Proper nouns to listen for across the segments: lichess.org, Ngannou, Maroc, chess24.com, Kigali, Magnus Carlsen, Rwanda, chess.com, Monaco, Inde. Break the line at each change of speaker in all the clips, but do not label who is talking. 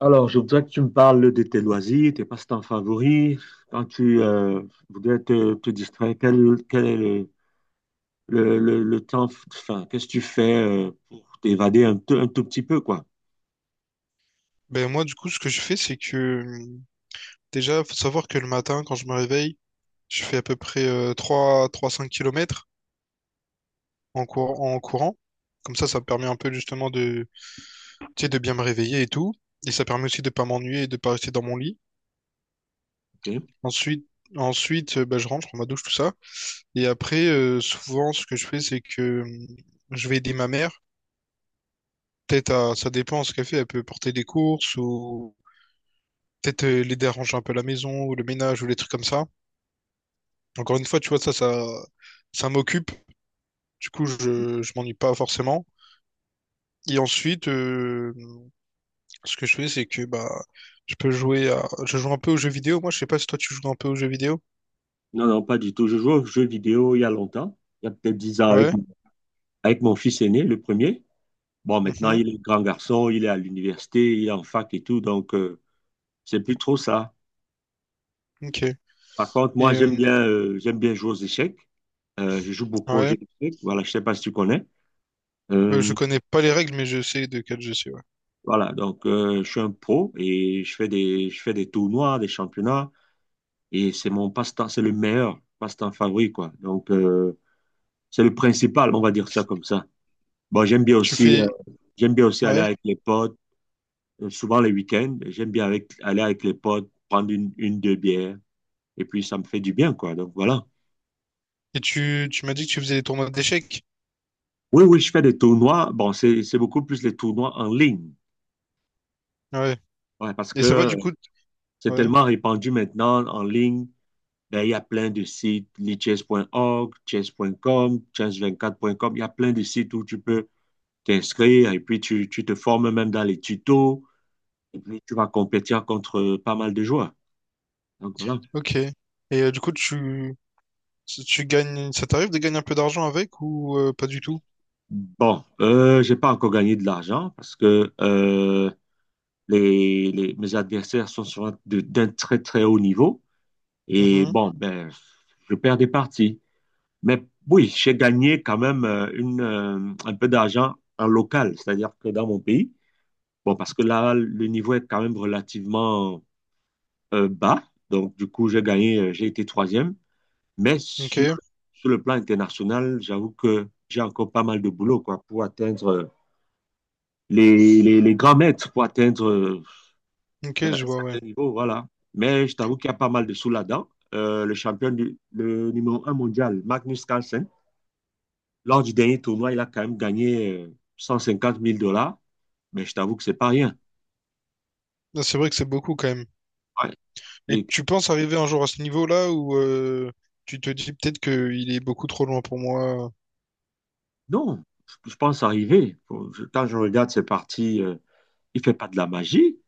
Alors, je voudrais que tu me parles de tes loisirs, tes passe-temps favoris. Quand tu voudrais te distraire, quel est le temps, enfin, qu'est-ce que tu fais pour t'évader un tout petit peu, quoi.
Ben moi, du coup, ce que je fais, c'est que déjà, faut savoir que le matin, quand je me réveille, je fais à peu près 3 3-5 km en courant. Comme ça me permet un peu justement de, tu sais, de bien me réveiller et tout. Et ça permet aussi de pas m'ennuyer et de pas rester dans mon lit.
Ok.
Ensuite, ben, je rentre, je prends ma douche, tout ça. Et après, souvent, ce que je fais, c'est que je vais aider ma mère. Ça dépend ce qu'elle fait. Elle peut porter des courses ou peut-être l'aider à ranger un peu la maison ou le ménage ou les trucs comme ça. Encore une fois, tu vois, ça m'occupe. Du coup, je m'ennuie pas forcément. Et ensuite, ce que je fais, c'est que bah, je peux jouer à... Je joue un peu aux jeux vidéo. Moi, je sais pas si toi, tu joues un peu aux jeux vidéo.
Non, non, pas du tout. Je joue aux jeux vidéo il y a longtemps, il y a peut-être 10 ans, avec,
Ouais.
avec mon fils aîné, le premier. Bon, maintenant,
Mhm.
il est grand garçon, il est à l'université, il est en fac et tout, donc c'est plus trop ça.
Ok.
Par contre, moi,
Et
j'aime bien, euh, j'aime bien jouer aux échecs. Je joue beaucoup aux
ouais.
jeux d'échecs. Voilà, je sais pas si tu connais.
Je
Euh,
connais pas les règles, mais je sais de quel jeu c'est. Ouais.
voilà, donc je suis un pro et je fais des tournois, des championnats et c'est mon passe-temps, c'est le meilleur passe-temps favori, quoi. Donc c'est le principal, on va dire ça comme ça. Bon, j'aime bien
Tu
aussi, euh,
fais...
j'aime bien aussi aller
Ouais.
avec les potes, souvent les week-ends, j'aime bien aller avec les potes, prendre une, deux bières et puis ça me fait du bien, quoi. Donc voilà.
Et tu m'as dit que tu faisais des tournois d'échecs.
Oui, oui, je fais des tournois. Bon, c'est beaucoup plus les tournois en ligne.
Ouais.
Ouais, parce
Et
que
ça va, du coup?
c'est
Ouais.
tellement répandu maintenant en ligne. Ben, il y a plein de sites, lichess.org, chess.com, chess24.com, il y a plein de sites où tu peux t'inscrire et puis tu te formes même dans les tutos et puis tu vas compétir contre pas mal de joueurs. Donc voilà.
Ok. Et du coup, tu gagnes... Ça t'arrive de gagner un peu d'argent avec ou pas du tout?
Bon, j'ai pas encore gagné de l'argent parce que mes adversaires sont souvent d'un très très haut niveau et
Mhm.
bon, ben, je perds des parties. Mais oui, j'ai gagné quand même un peu d'argent en local, c'est-à-dire que dans mon pays. Bon, parce que là, le niveau est quand même relativement bas. Donc, du coup, j'ai été troisième. Mais
Ok.
sur le plan international, j'avoue que j'ai encore pas mal de boulot, quoi, pour atteindre les grands maîtres, pour atteindre
Ok,
un
je vois,
certain
ouais.
niveau, voilà. Mais je t'avoue qu'il y a pas mal de sous là-dedans. Le champion, le numéro un mondial, Magnus Carlsen, lors du dernier tournoi, il a quand même gagné 150 000 dollars. Mais je t'avoue que c'est pas rien.
Ah, c'est vrai que c'est beaucoup quand même.
Ouais. Il
Et
est.
tu penses arriver un jour à ce niveau-là où tu te dis peut-être qu'il est beaucoup trop loin pour moi.
Non, je pense arriver. Quand je regarde ses parties, il fait pas de la magie.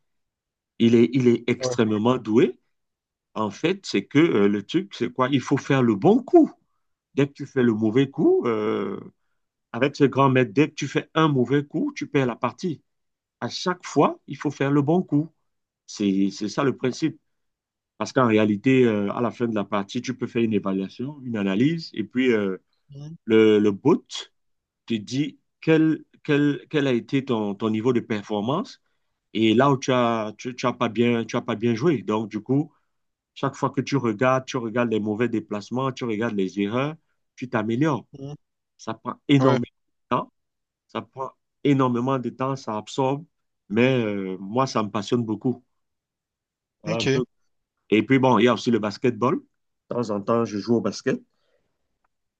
Il est
Ouais.
extrêmement doué. En fait, c'est que le truc, c'est quoi? Il faut faire le bon coup. Dès que tu fais le mauvais coup, avec ce grand maître, dès que tu fais un mauvais coup, tu perds la partie. À chaque fois, il faut faire le bon coup. C'est ça le principe. Parce qu'en réalité, à la fin de la partie, tu peux faire une évaluation, une analyse, et puis
Mhm,
le bot te dis quel a été ton niveau de performance et là où tu as, tu as pas bien, tu as pas bien joué. Donc, du coup, chaque fois que tu regardes les mauvais déplacements, tu regardes les erreurs, tu t'améliores.
mhm.
Ça prend
Ouais,
énormément de temps, ça prend énormément de temps, ça absorbe, mais moi, ça me passionne beaucoup. Voilà un peu.
ok.
Et puis, bon, il y a aussi le basketball. De temps en temps, je joue au basket.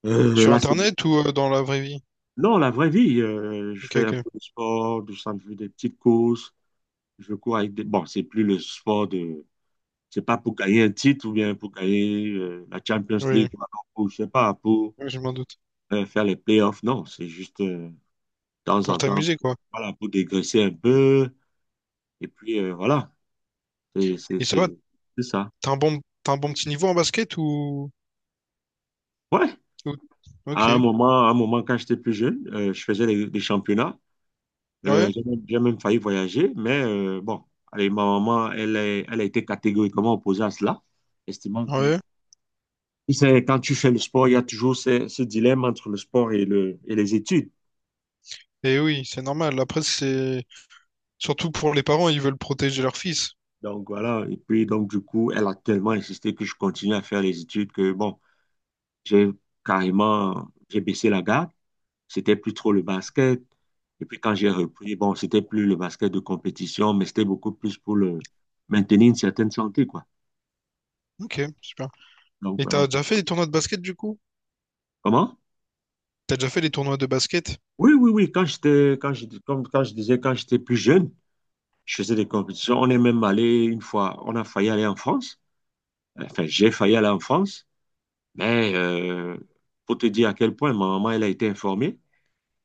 Euh,
Sur
là, c'est…
Internet ou dans la vraie vie?
Non, la vraie vie, je
Ok,
fais un
ok.
peu de sport, des petites courses. Je cours avec des… Bon, c'est plus le sport de… C'est pas pour gagner un titre ou bien pour gagner la Champions League
Oui,
ou alors pour, je sais pas, pour
oui, je m'en doute.
faire les playoffs. Non, c'est juste de temps
Pour
en temps,
t'amuser, quoi.
voilà, pour dégraisser un peu. Et puis, voilà, c'est c'est-
Et ça
c'est-
va,
c'est ça.
t'as un bon petit niveau en basket
Ouais,
ou-
à un
Ok.
moment, à un moment quand j'étais plus jeune, je faisais les championnats. Euh,
Ouais,
j'ai même, j'ai même failli voyager, mais bon, allez, ma maman, elle a été catégoriquement opposée à cela, estimant que.
ouais.
Tu sais, quand tu fais le sport, il y a toujours ce dilemme entre le sport et les études.
Et oui, c'est normal. Après, c'est... Surtout pour les parents, ils veulent protéger leur fils.
Donc voilà, et puis donc du coup, elle a tellement insisté que je continue à faire les études que bon, j'ai j'ai baissé la garde. C'était plus trop le basket. Et puis quand j'ai repris, bon, c'était plus le basket de compétition, mais c'était beaucoup plus pour le maintenir une certaine santé, quoi.
Ok, super.
Donc
Et
voilà.
t'as déjà fait des tournois de basket, du coup?
Comment?
T'as déjà fait les tournois de basket?
Oui, oui, oui. Quand j'étais, quand je, comme, quand je disais, quand j'étais plus jeune, je faisais des compétitions. On est même allé une fois, on a failli aller en France. Enfin, j'ai failli aller en France, mais pour te dire à quel point ma maman, elle a été informée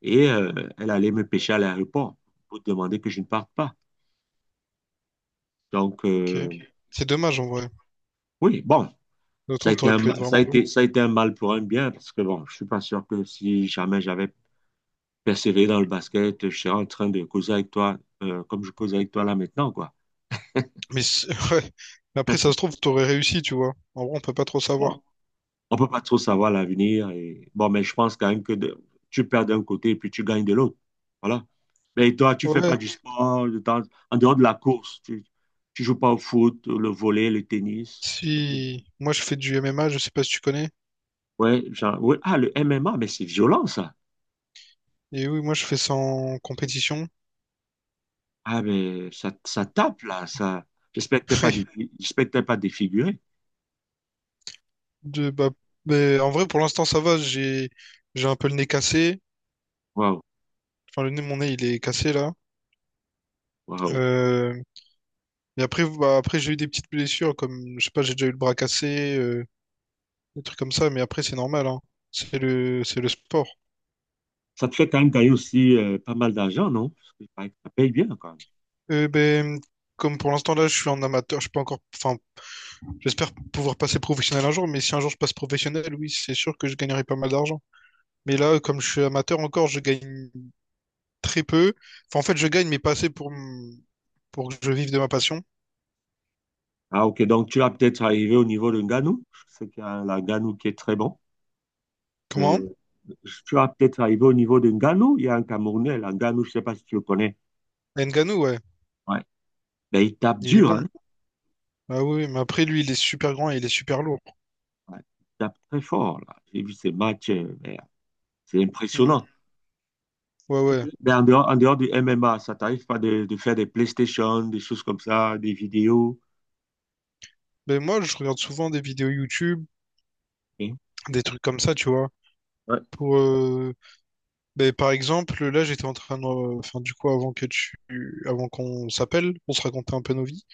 et elle allait me pêcher à l'aéroport pour demander que je ne parte pas. Donc,
Ok. C'est dommage en vrai.
oui, bon,
Je
ça a
trouve
été
t'aurais
un,
pu être
ma-
vraiment bon.
ça a été un mal pour un bien parce que bon, je suis pas sûr que si jamais j'avais persévéré dans le basket, je serais en train de causer avec toi comme je cause avec toi là maintenant, quoi.
Mais c'est- ouais. Mais après, ça se trouve, t'aurais réussi, tu vois. En vrai, on peut pas trop savoir.
Bon, on peut pas trop savoir l'avenir. Et… Bon, mais je pense quand même que tu perds d'un côté et puis tu gagnes de l'autre. Voilà. Mais toi, tu fais
Ouais.
pas du sport en dehors de la course. Tu joues pas au foot, le volley, le tennis.
Si. Moi, je fais du MMA, je sais pas si tu connais.
Ouais, genre, ouais. Ah, le MMA, mais c'est violent, ça.
Et oui, moi, je fais ça en compétition.
Ah, mais ça tape, là. Ça… J'espère que t'es pas, dé-
Oui.
j'espère que t'es pas défiguré.
Bah, mais en vrai, pour l'instant, ça va. J'ai un peu le nez cassé.
Waouh,
Enfin, le nez, mon nez, il est cassé là.
waouh.
Euh, mais après, bah, après j'ai eu des petites blessures, comme, je sais pas, j'ai déjà eu le bras cassé, des trucs comme ça, mais après, c'est normal, hein. C'est c'est le sport.
Ça te fait quand même gagner aussi pas mal d'argent, non? Parce que, pareil, ça paye bien, quoi.
Ben, comme pour l'instant, là, je suis en amateur, je peux encore, enfin, j'espère pouvoir passer professionnel un jour, mais si un jour je passe professionnel, oui, c'est sûr que je gagnerai pas mal d'argent. Mais là, comme je suis amateur encore, je gagne très peu. Enfin, en fait, je gagne, mais pas assez pour, m- pour que je vive de ma passion.
Ah, ok. Donc, tu vas peut-être arriver au niveau de Ngannou. Je sais qu'il y a un Ngannou qui est très bon.
Comment?
Euh, tu vas peut-être arriver au niveau de Ngannou. Il y a un Camerounais, là, Ngannou, je ne sais pas si tu le connais.
Ngannou, ouais,
Ouais. Ben, il tape
il est
dur,
bon.
hein.
Ah oui, mais après, lui, il est super grand et il est super lourd.
Ouais. Il tape très fort, là. J'ai vu ses matchs. Ben, c'est
Hmm.
impressionnant.
Ouais,
Ok.
ouais.
Ben, en dehors du MMA, ça t'arrive pas de faire des PlayStation, des choses comme ça, des vidéos.
Mais moi, je regarde souvent des vidéos YouTube,
Ok.
des trucs comme ça, tu vois.
Ouais.
Pour, ben, par exemple, là, j'étais en train de, enfin, du coup, avant qu'on s'appelle, on se racontait un peu nos vies.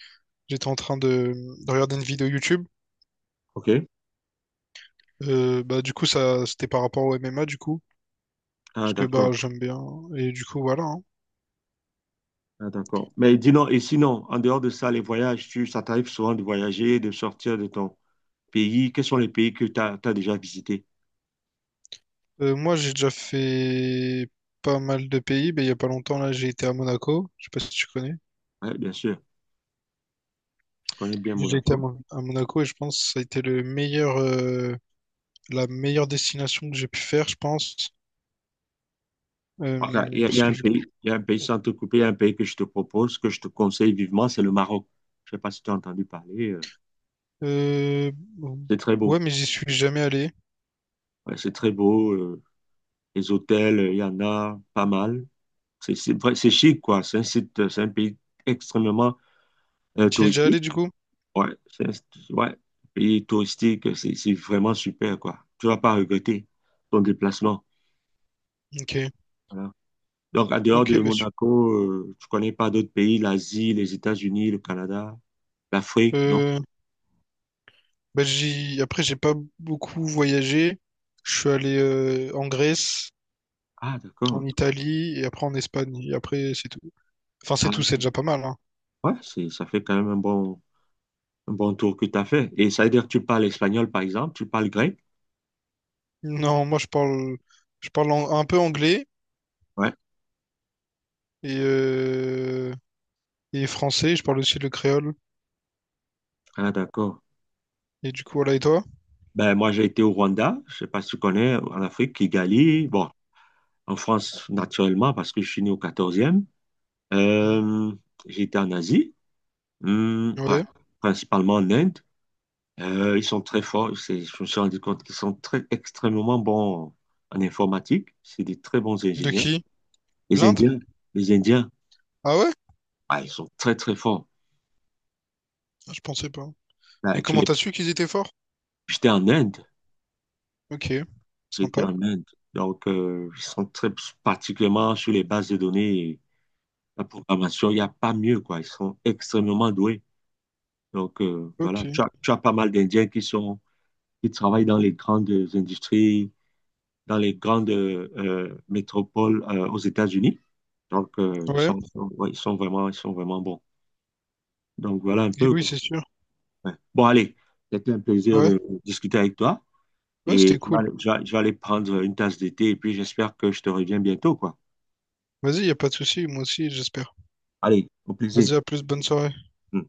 J'étais en train de regarder une vidéo YouTube.
Ok.
Bah, du coup, ça, c'était par rapport au MMA, du coup,
Ah,
parce que bah,
d'accord.
j'aime bien. Et du coup, voilà. Hein.
Ah, d'accord. Mais dis non et sinon, en dehors de ça, les voyages, ça t'arrive souvent de voyager, de sortir de ton, pays, quels sont les pays que tu as, déjà visités?
Moi, j'ai déjà fait pas mal de pays, mais il y a pas longtemps, là, j'ai été à Monaco. Je sais pas si tu connais.
Ouais, bien sûr, je connais bien
J'ai été à,
Monaco.
Mon- à Monaco et je pense que ça a été le meilleur, la meilleure destination que j'ai pu faire, je pense.
Ok, il y
Parce
a
que
un
du coup,
pays, il y a un pays sans te couper, il y a un pays que je te propose, que je te conseille vivement, c'est le Maroc. Je ne sais pas si tu as entendu parler. euh,
euh,
C'est très beau.
ouais, mais j'y suis jamais allé.
Ouais, c'est très beau. Les hôtels, il y en a pas mal. C'est vrai, c'est chic, quoi. C'est un pays extrêmement
Tu y es déjà
touristique.
allé du coup?
Ouais, c'est un ouais, pays touristique, c'est vraiment super, quoi. Tu vas pas regretter ton déplacement.
Ok,
Euh, Donc, en dehors
ok,
de
bah, su-
Monaco, tu connais pas d'autres pays, l'Asie, les États-Unis, le Canada, l'Afrique, non?
euh, bah, j'y, après, j'ai pas beaucoup voyagé. Je suis allé en Grèce,
Ah,
en
d'accord.
Italie et après en Espagne. Et après, c'est tout. Enfin, c'est
Ah,
tout, c'est déjà pas mal, hein.
ouais, ça fait quand même un bon tour que tu as fait. Et ça veut dire que tu parles espagnol, par exemple, tu parles grec?
Non, je parle un peu anglais
Ouais.
et, euh, et français. Je parle aussi le créole.
Ah, d'accord.
Et du coup, voilà, et toi?
Ben, moi, j'ai été au Rwanda, je sais pas si tu connais, en Afrique, Kigali, bon, en France, naturellement, parce que je suis né au 14e. E
Mhm.
J'ai été en Asie, hum, pra-
Ouais.
principalement en Inde. Ils sont très forts. Je me suis rendu compte qu'ils sont très extrêmement bons en informatique. C'est des très bons
De
ingénieurs.
qui?
Les
L'Inde?
Indiens, les Indiens,
Ah ouais?
ah, ils sont très très forts.
Ah, je pensais pas. Et
Là, tu
comment
les-.
t'as su qu'ils étaient forts?
J'étais en Inde,
Ok.
j'étais
Sympa.
en Inde. Donc, ils sont très particulièrement sur les bases de données et la programmation. Il n'y a pas mieux, quoi. Ils sont extrêmement doués. Donc, voilà.
Ok.
Tu as pas mal d'Indiens qui travaillent industries, dans les grandes métropoles aux États-Unis. Donc,
Ouais.
ouais, ils sont vraiment bons. Donc, voilà un
Et
peu,
oui,
quoi.
c'est sûr.
Ouais. Bon, allez, c'était un plaisir
Ouais.
de discuter avec toi.
Ouais,
Et
c'était
je vais,
cool.
aller- je vais je vais aller prendre une tasse d'été et puis j'espère que je te reviens bientôt, quoi.
Vas-y, y a pas de souci. Moi aussi, j'espère.
Allez, au plaisir.
Vas-y, à plus. Bonne soirée.
Mm.